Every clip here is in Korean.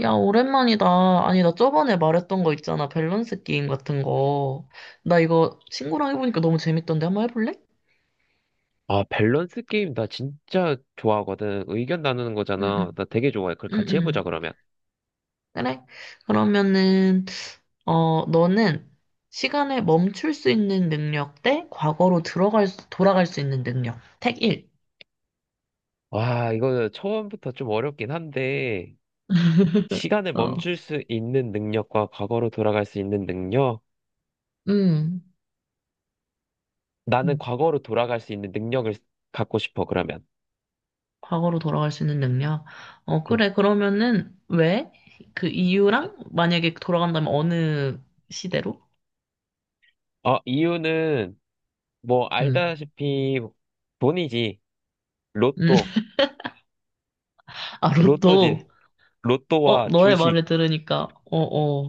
야, 오랜만이다. 아니, 나 저번에 말했던 거 있잖아. 밸런스 게임 같은 거. 나 이거 친구랑 해보니까 너무 재밌던데. 한번 해볼래? 아, 밸런스 게임 나 진짜 좋아하거든. 의견 나누는 응, 응, 거잖아. 나 되게 좋아해. 그걸 응, 같이 해보자, 응. 그러면. 그래? 그러면은, 어, 너는 시간을 멈출 수 있는 능력 대 과거로 돌아갈 수 있는 능력. 택 1. 와, 이거 처음부터 좀 어렵긴 한데, 시간을 어, 멈출 수 있는 능력과 과거로 돌아갈 수 있는 능력? 음, 나는 음. 과거로 돌아갈 수 있는 능력을 갖고 싶어, 그러면. 과거로 돌아갈 수 있는 능력. 어, 응. 그래. 그러면은, 왜? 그 이유랑 만약에 돌아간다면 어느 시대로? 이유는, 뭐, 응. 알다시피, 돈이지. 음. 로또. 아, 로또지. 로또. 어, 로또와 너의 주식. 말을 들으니까, 어,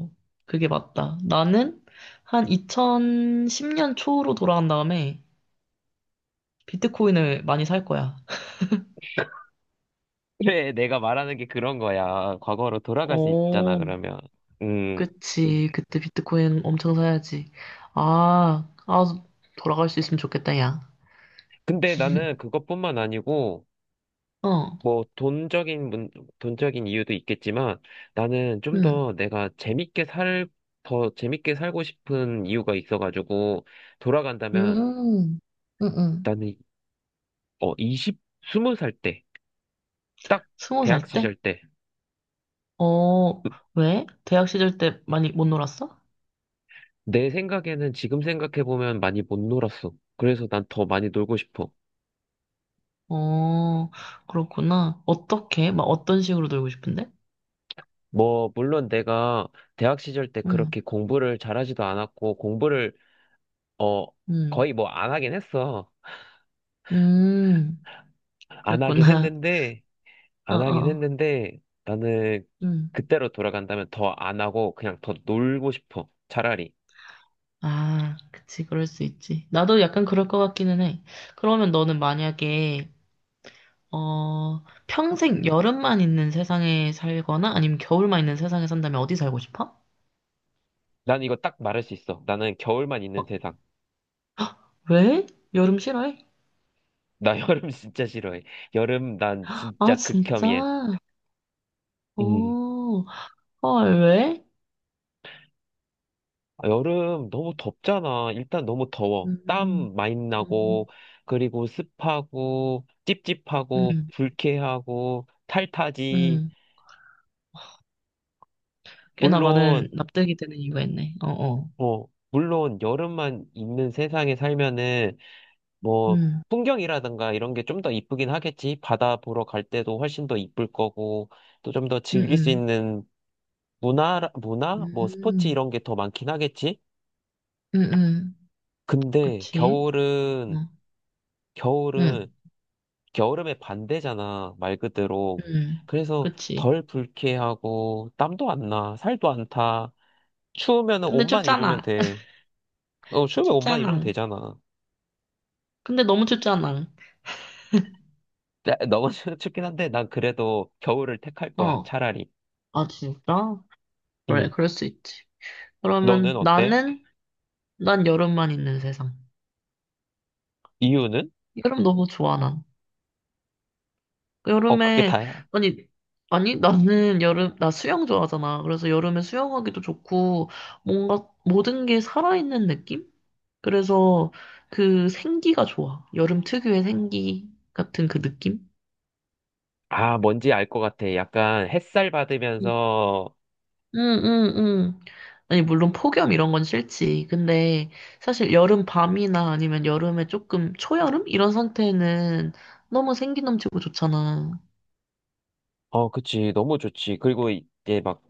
어, 그게 맞다. 나는 한 2010년 초로 돌아간 다음에 비트코인을 많이 살 거야. 그래, 내가 말하는 게 그런 거야. 과거로 돌아갈 수 있잖아, 어, 그러면. 음. 그치. 그때 비트코인 엄청 사야지. 아, 아, 돌아갈 수 있으면 좋겠다, 야. 근데 나는 그것뿐만 아니고, 어, 뭐, 돈적인, 돈적인 이유도 있겠지만, 나는 좀 응, 더 내가 더 재밌게 살고 싶은 이유가 있어가지고, 돌아간다면, 음, 응, 응. 나는, 어, 20, 20살 때, 딱 스무 대학 살 때? 시절 때, 어, 왜? 대학 시절 때 많이 못 놀았어? 내 생각에는 지금 생각해보면 많이 못 놀았어. 그래서 난 더 많이 놀고 싶어. 어, 그렇구나. 어떻게? 막 어떤 식으로 놀고 싶은데? 뭐, 물론 내가 대학 시절 때 음, 그렇게 공부를 잘하지도 않았고, 공부를, 어, 음, 거의 뭐 안 하긴 했어. 음, 안 하긴 그랬구나. 했는데, 어, 안 하긴 어, 했는데, 나는 음. 그때로 돌아간다면 더 안 하고 그냥 더 놀고 싶어. 차라리. 아, 그치, 그럴 수 있지. 나도 약간 그럴 것 같기는 해. 그러면 너는 만약에, 어, 평생 여름만 있는 세상에 살거나 아니면 겨울만 있는 세상에 산다면 어디 살고 싶어? 난 이거 딱 말할 수 있어. 나는 겨울만 어, 있는 세상. 왜? 여름 싫어해? 나 여름 진짜 싫어해. 여름 난 아, 진짜 진짜? 극혐이야. 음. 오, 헐, 왜? 아, 여름 너무 덥잖아. 일단 너무 더워. 음, 땀 많이 음, 나고, 그리고 습하고, 찝찝하고, 음, 불쾌하고, 탈타지. 음. 꽤나 많은 물론, 납득이 되는 이유가 있네. 어, 어. 어, 물론 여름만 있는 세상에 살면은 뭐 음, 풍경이라든가 이런 게 좀 더 이쁘긴 하겠지. 바다 보러 갈 때도 훨씬 더 이쁠 거고 또 좀 더 음, 즐길 수 음. 있는 문화 뭐 스포츠 음, 이런 게 더 많긴 하겠지. 응, 응, 근데 그치. 어, 응, 겨울은 겨울음의 반대잖아. 말 그대로. 응, 그래서 그치. 덜 불쾌하고 땀도 안 나. 살도 안 타. 추우면은 근데 옷만 입으면 춥잖아. 돼. 어, 추우면 옷만 입으면 춥잖아. 되잖아. 근데 너무 춥잖아. 너무 춥긴 한데 난 그래도 겨울을 택할 거야. 어, 차라리. 아, 진짜? 그래, 응. 그럴 수 있지. 너는 그러면 어때? 나는, 난 여름만 있는 세상. 이유는? 여름 너무 좋아, 난. 그게 여름에, 다야. 아니, 아니, 나는 여름, 나 수영 좋아하잖아. 그래서 여름에 수영하기도 좋고, 뭔가 모든 게 살아있는 느낌? 그래서 그 생기가 좋아. 여름 특유의 생기 같은 그 느낌? 아, 뭔지 알 것 같아. 약간 햇살 응, 받으면서, 응, 응. 아니, 물론 폭염 이런 건 싫지. 근데 사실 여름 밤이나 아니면 여름에 조금 초여름? 이런 상태는 너무 생기 넘치고 좋잖아. 그치. 너무 좋지. 그리고 이제 막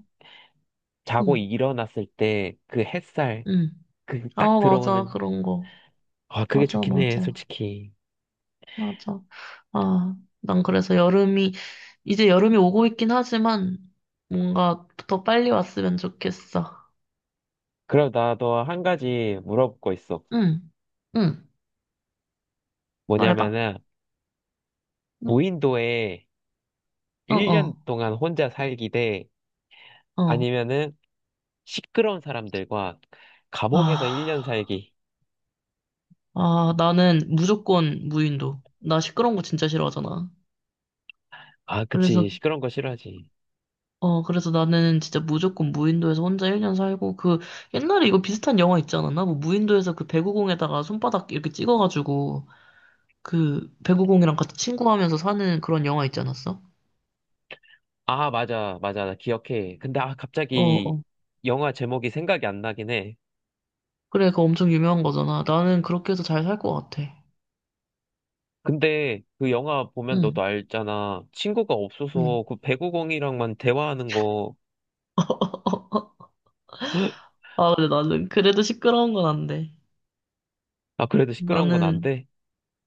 자고 응, 일어났을 때 그 햇살, 응. 그 딱 아, 맞아. 들어오는, 그런 거. 아, 그게 맞아, 좋긴 해, 맞아. 솔직히. 맞아. 아, 난 그래서 여름이, 이제 여름이 오고 있긴 하지만, 뭔가 더 빨리 왔으면 좋겠어. 그럼 나도 한 가지 물어볼 거 있어. 응, 응, 말해봐. 뭐냐면은, 응, 무인도에 어, 1년 어, 동안 혼자 살기 대, 어. 아니면은 시끄러운 사람들과 감옥에서 1년 아, 살기. 아, 나는 무조건 무인도. 나 시끄러운 거 진짜 싫어하잖아. 아, 그치. 그래서, 시끄러운 거 싫어하지. 어, 그래서 나는 진짜 무조건 무인도에서 혼자 1년 살고, 그, 옛날에 이거 비슷한 영화 있지 않았나? 뭐, 무인도에서 그 배구공에다가 손바닥 이렇게 찍어가지고, 그, 배구공이랑 같이 친구하면서 사는 그런 영화 있지 않았어? 아, 맞아, 맞아. 나 기억해. 근데 아, 어, 갑자기 어. 영화 제목이 생각이 안 나긴 해. 그래, 그거 엄청 유명한 거잖아. 나는 그렇게 해서 잘 살 것 같아. 근데 그 영화 보면 너도 응, 알잖아. 친구가 응. 없어서 그 배구공이랑만 대화하는 거. 아, 근데 나는 그래도 시끄러운 건 안 돼. 아, 그래도 시끄러운 건 안 나는, 돼?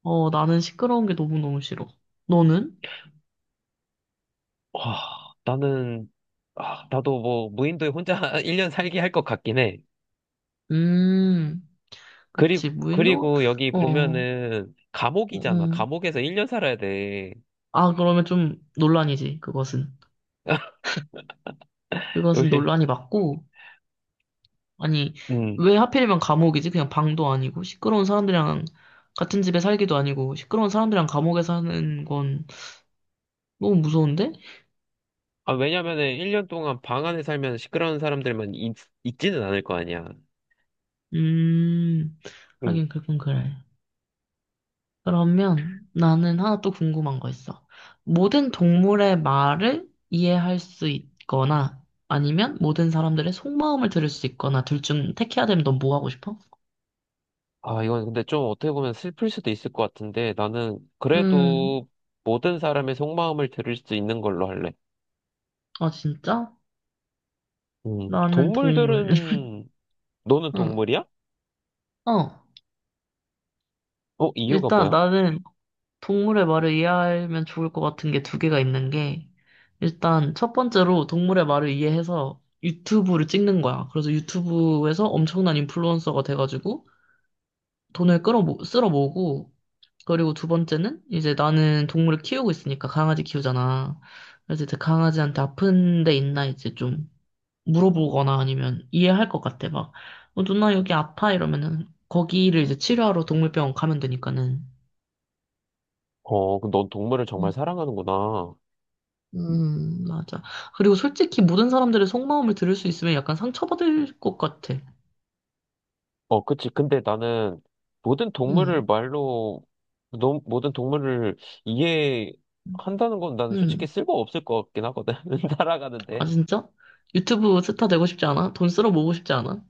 어, 나는 시끄러운 게 너무너무 싫어. 너는? 와, 나는, 아, 나도 뭐 무인도에 혼자 1년 살기 할 것 같긴 해. 음, 그리, 그치. 무인도? 그리고 여기 어, 보면은 감옥이잖아. 음. 감옥에서 1년 살아야 돼. 아, 그러면 좀 논란이지, 그것은. 그것은 왜? 논란이 맞고, 아니, 음. 왜 하필이면 감옥이지? 그냥 방도 아니고, 시끄러운 사람들이랑 같은 집에 살기도 아니고, 시끄러운 사람들이랑 감옥에 사는 건 너무 무서운데? 아, 왜냐면은 1년 동안 방 안에 살면 시끄러운 사람들만 있지는 않을 거 아니야. 음, 응. 하긴 그건 그래. 그러면 나는 하나 또 궁금한 거 있어. 모든 동물의 말을 이해할 수 있거나 아니면 모든 사람들의 속마음을 들을 수 있거나 둘 중 택해야 되면 넌 뭐 하고 싶어? 아, 이건 근데 좀 어떻게 보면 슬플 수도 있을 것 같은데 나는 음, 그래도 모든 사람의 속마음을 들을 수 있는 걸로 할래. 아 진짜? 나는 동물. 동물들은 너는 응. 동물이야? 어, 이유가 일단 뭐야? 나는 동물의 말을 이해하면 좋을 것 같은 게 두 개가 있는 게, 일단 첫 번째로 동물의 말을 이해해서 유튜브를 찍는 거야. 그래서 유튜브에서 엄청난 인플루언서가 돼가지고 돈을 쓸어 모으고, 그리고 두 번째는 이제 나는 동물을 키우고 있으니까 강아지 키우잖아. 그래서 이제 강아지한테 아픈 데 있나 이제 좀 물어보거나 아니면 이해할 것 같아. 막, 어, 누나 여기 아파 이러면은 거기를 이제 치료하러 동물병원 가면 되니까는. 그럼 넌 동물을 정말 음. 사랑하는구나. 맞아. 그리고 솔직히 모든 사람들의 속마음을 들을 수 있으면 약간 상처받을 것 같아. 그치. 근데 나는 모든 동물을 음, 말로 모든 동물을 이해한다는 건 난 솔직히 음. 쓸모 없을 것 같긴 하거든. 아, 살아가는데. 진짜? 유튜브 스타 되고 싶지 않아? 돈 쓸어 모으고 싶지 않아?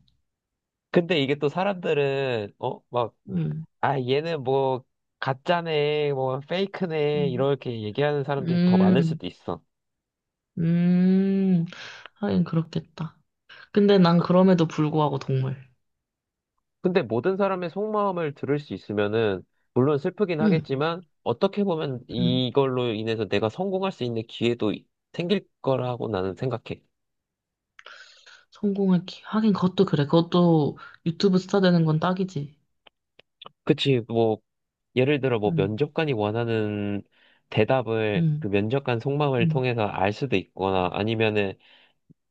근데 이게 또 사람들은, 막, 음, 아, 얘는 뭐, 가짜네, 뭐, 페이크네, 음, 이렇게 얘기하는 사람들이 더 많을 음, 수도 있어. 음. 하긴 그렇겠다. 근데 난 그럼에도 불구하고 동물. 근데 모든 사람의 속마음을 들을 수 있으면은, 물론 슬프긴 응, 하겠지만, 어떻게 보면 응. 이걸로 인해서 내가 성공할 수 있는 기회도 생길 거라고 나는 생각해. 하긴 그것도 그래. 그것도 유튜브 스타 되는 건 딱이지. 그치, 뭐, 예를 들어, 뭐, 응, 면접관이 원하는 대답을 그 응, 면접관 속마음을 응. 통해서 알 수도 있거나, 아니면은,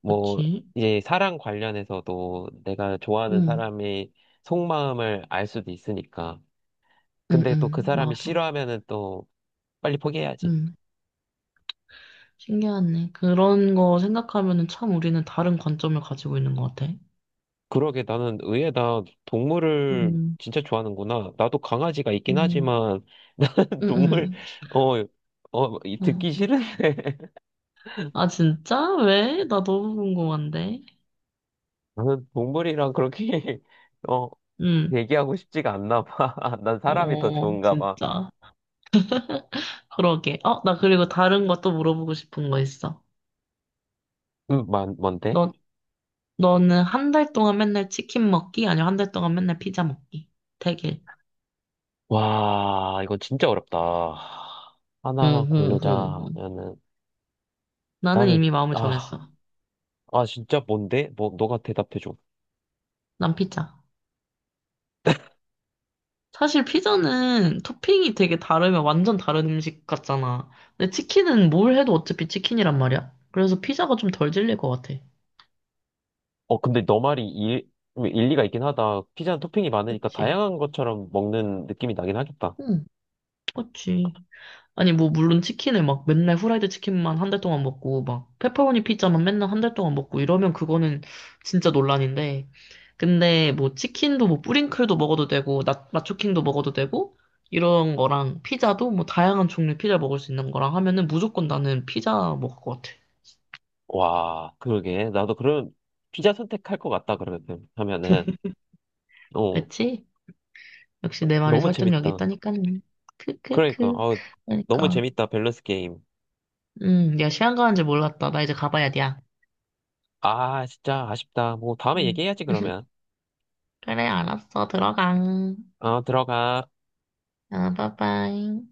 뭐, 그치? 이제 사랑 관련해서도 내가 좋아하는 응, 사람의 속마음을 알 수도 있으니까. 응, 근데 또 그 응. 사람이 맞아. 싫어하면은 또 빨리 포기해야지. 응. 신기하네. 그런 거 생각하면은 참 우리는 다른 관점을 가지고 있는 것 같아. 그러게 나는 의외다. 동물을 음, 진짜 좋아하는구나. 나도 강아지가 있긴 음, 하지만 나는 음, 동물, 음. 어, 어. 듣기 싫은데. 아, 진짜? 왜? 나 너무 궁금한데. 나는 동물이랑 그렇게, 어, 음, 얘기하고 싶지가 않나 봐. 난 사람이 더 어, 좋은가 봐. 진짜. 그러게. 어, 나 그리고 다른 것도 물어보고 싶은 거 있어. 뭔데? 너, 너는 한 달 동안 맨날 치킨 먹기? 아니면 한 달 동안 맨날 피자 먹기? 되길. 와, 이거 진짜 어렵다. 하나만 응. 응. 응. 고르자면은, 나는 나는, 이미 마음을 아, 정했어. 아, 진짜 뭔데? 뭐, 너가 대답해줘. 난 피자. 사실 피자는 토핑이 되게 다르면 완전 다른 음식 같잖아. 근데 치킨은 뭘 해도 어차피 치킨이란 말이야. 그래서 피자가 좀 덜 질릴 것 같아. 근데 너 뭐 일리가 있긴 하다. 피자는 토핑이 많으니까 그치? 다양한 것처럼 먹는 느낌이 나긴 하겠다. 응, 그치. 아니, 뭐, 물론 치킨을 막 맨날 후라이드 치킨만 한 달 동안 먹고, 막, 페퍼로니 피자만 맨날 한 달 동안 먹고 이러면 그거는 진짜 논란인데. 근데 뭐, 치킨도 뭐, 뿌링클도 먹어도 되고, 나초킹도 먹어도 되고, 이런 거랑 피자도 뭐, 다양한 종류의 피자 먹을 수 있는 거랑 하면은 무조건 나는 피자 먹을 것 같아. 와, 그러게. 나도 그런 피자 선택할 것 같다, 그러면, 하면은. 어, 그치? 역시 내 말이 너무 설득력이 재밌다. 있다니까는. 그러니까, 크크크. 너무 그러니까. 재밌다, 밸런스 게임. 야, 시간 가는 줄 몰랐다. 나 이제 가봐야 돼, 야. 아, 진짜 아쉽다. 뭐, 다음에 음. 얘기해야지, 그러면. 그래, 알았어. 들어가. 어, 들어가. 아, 빠빠이.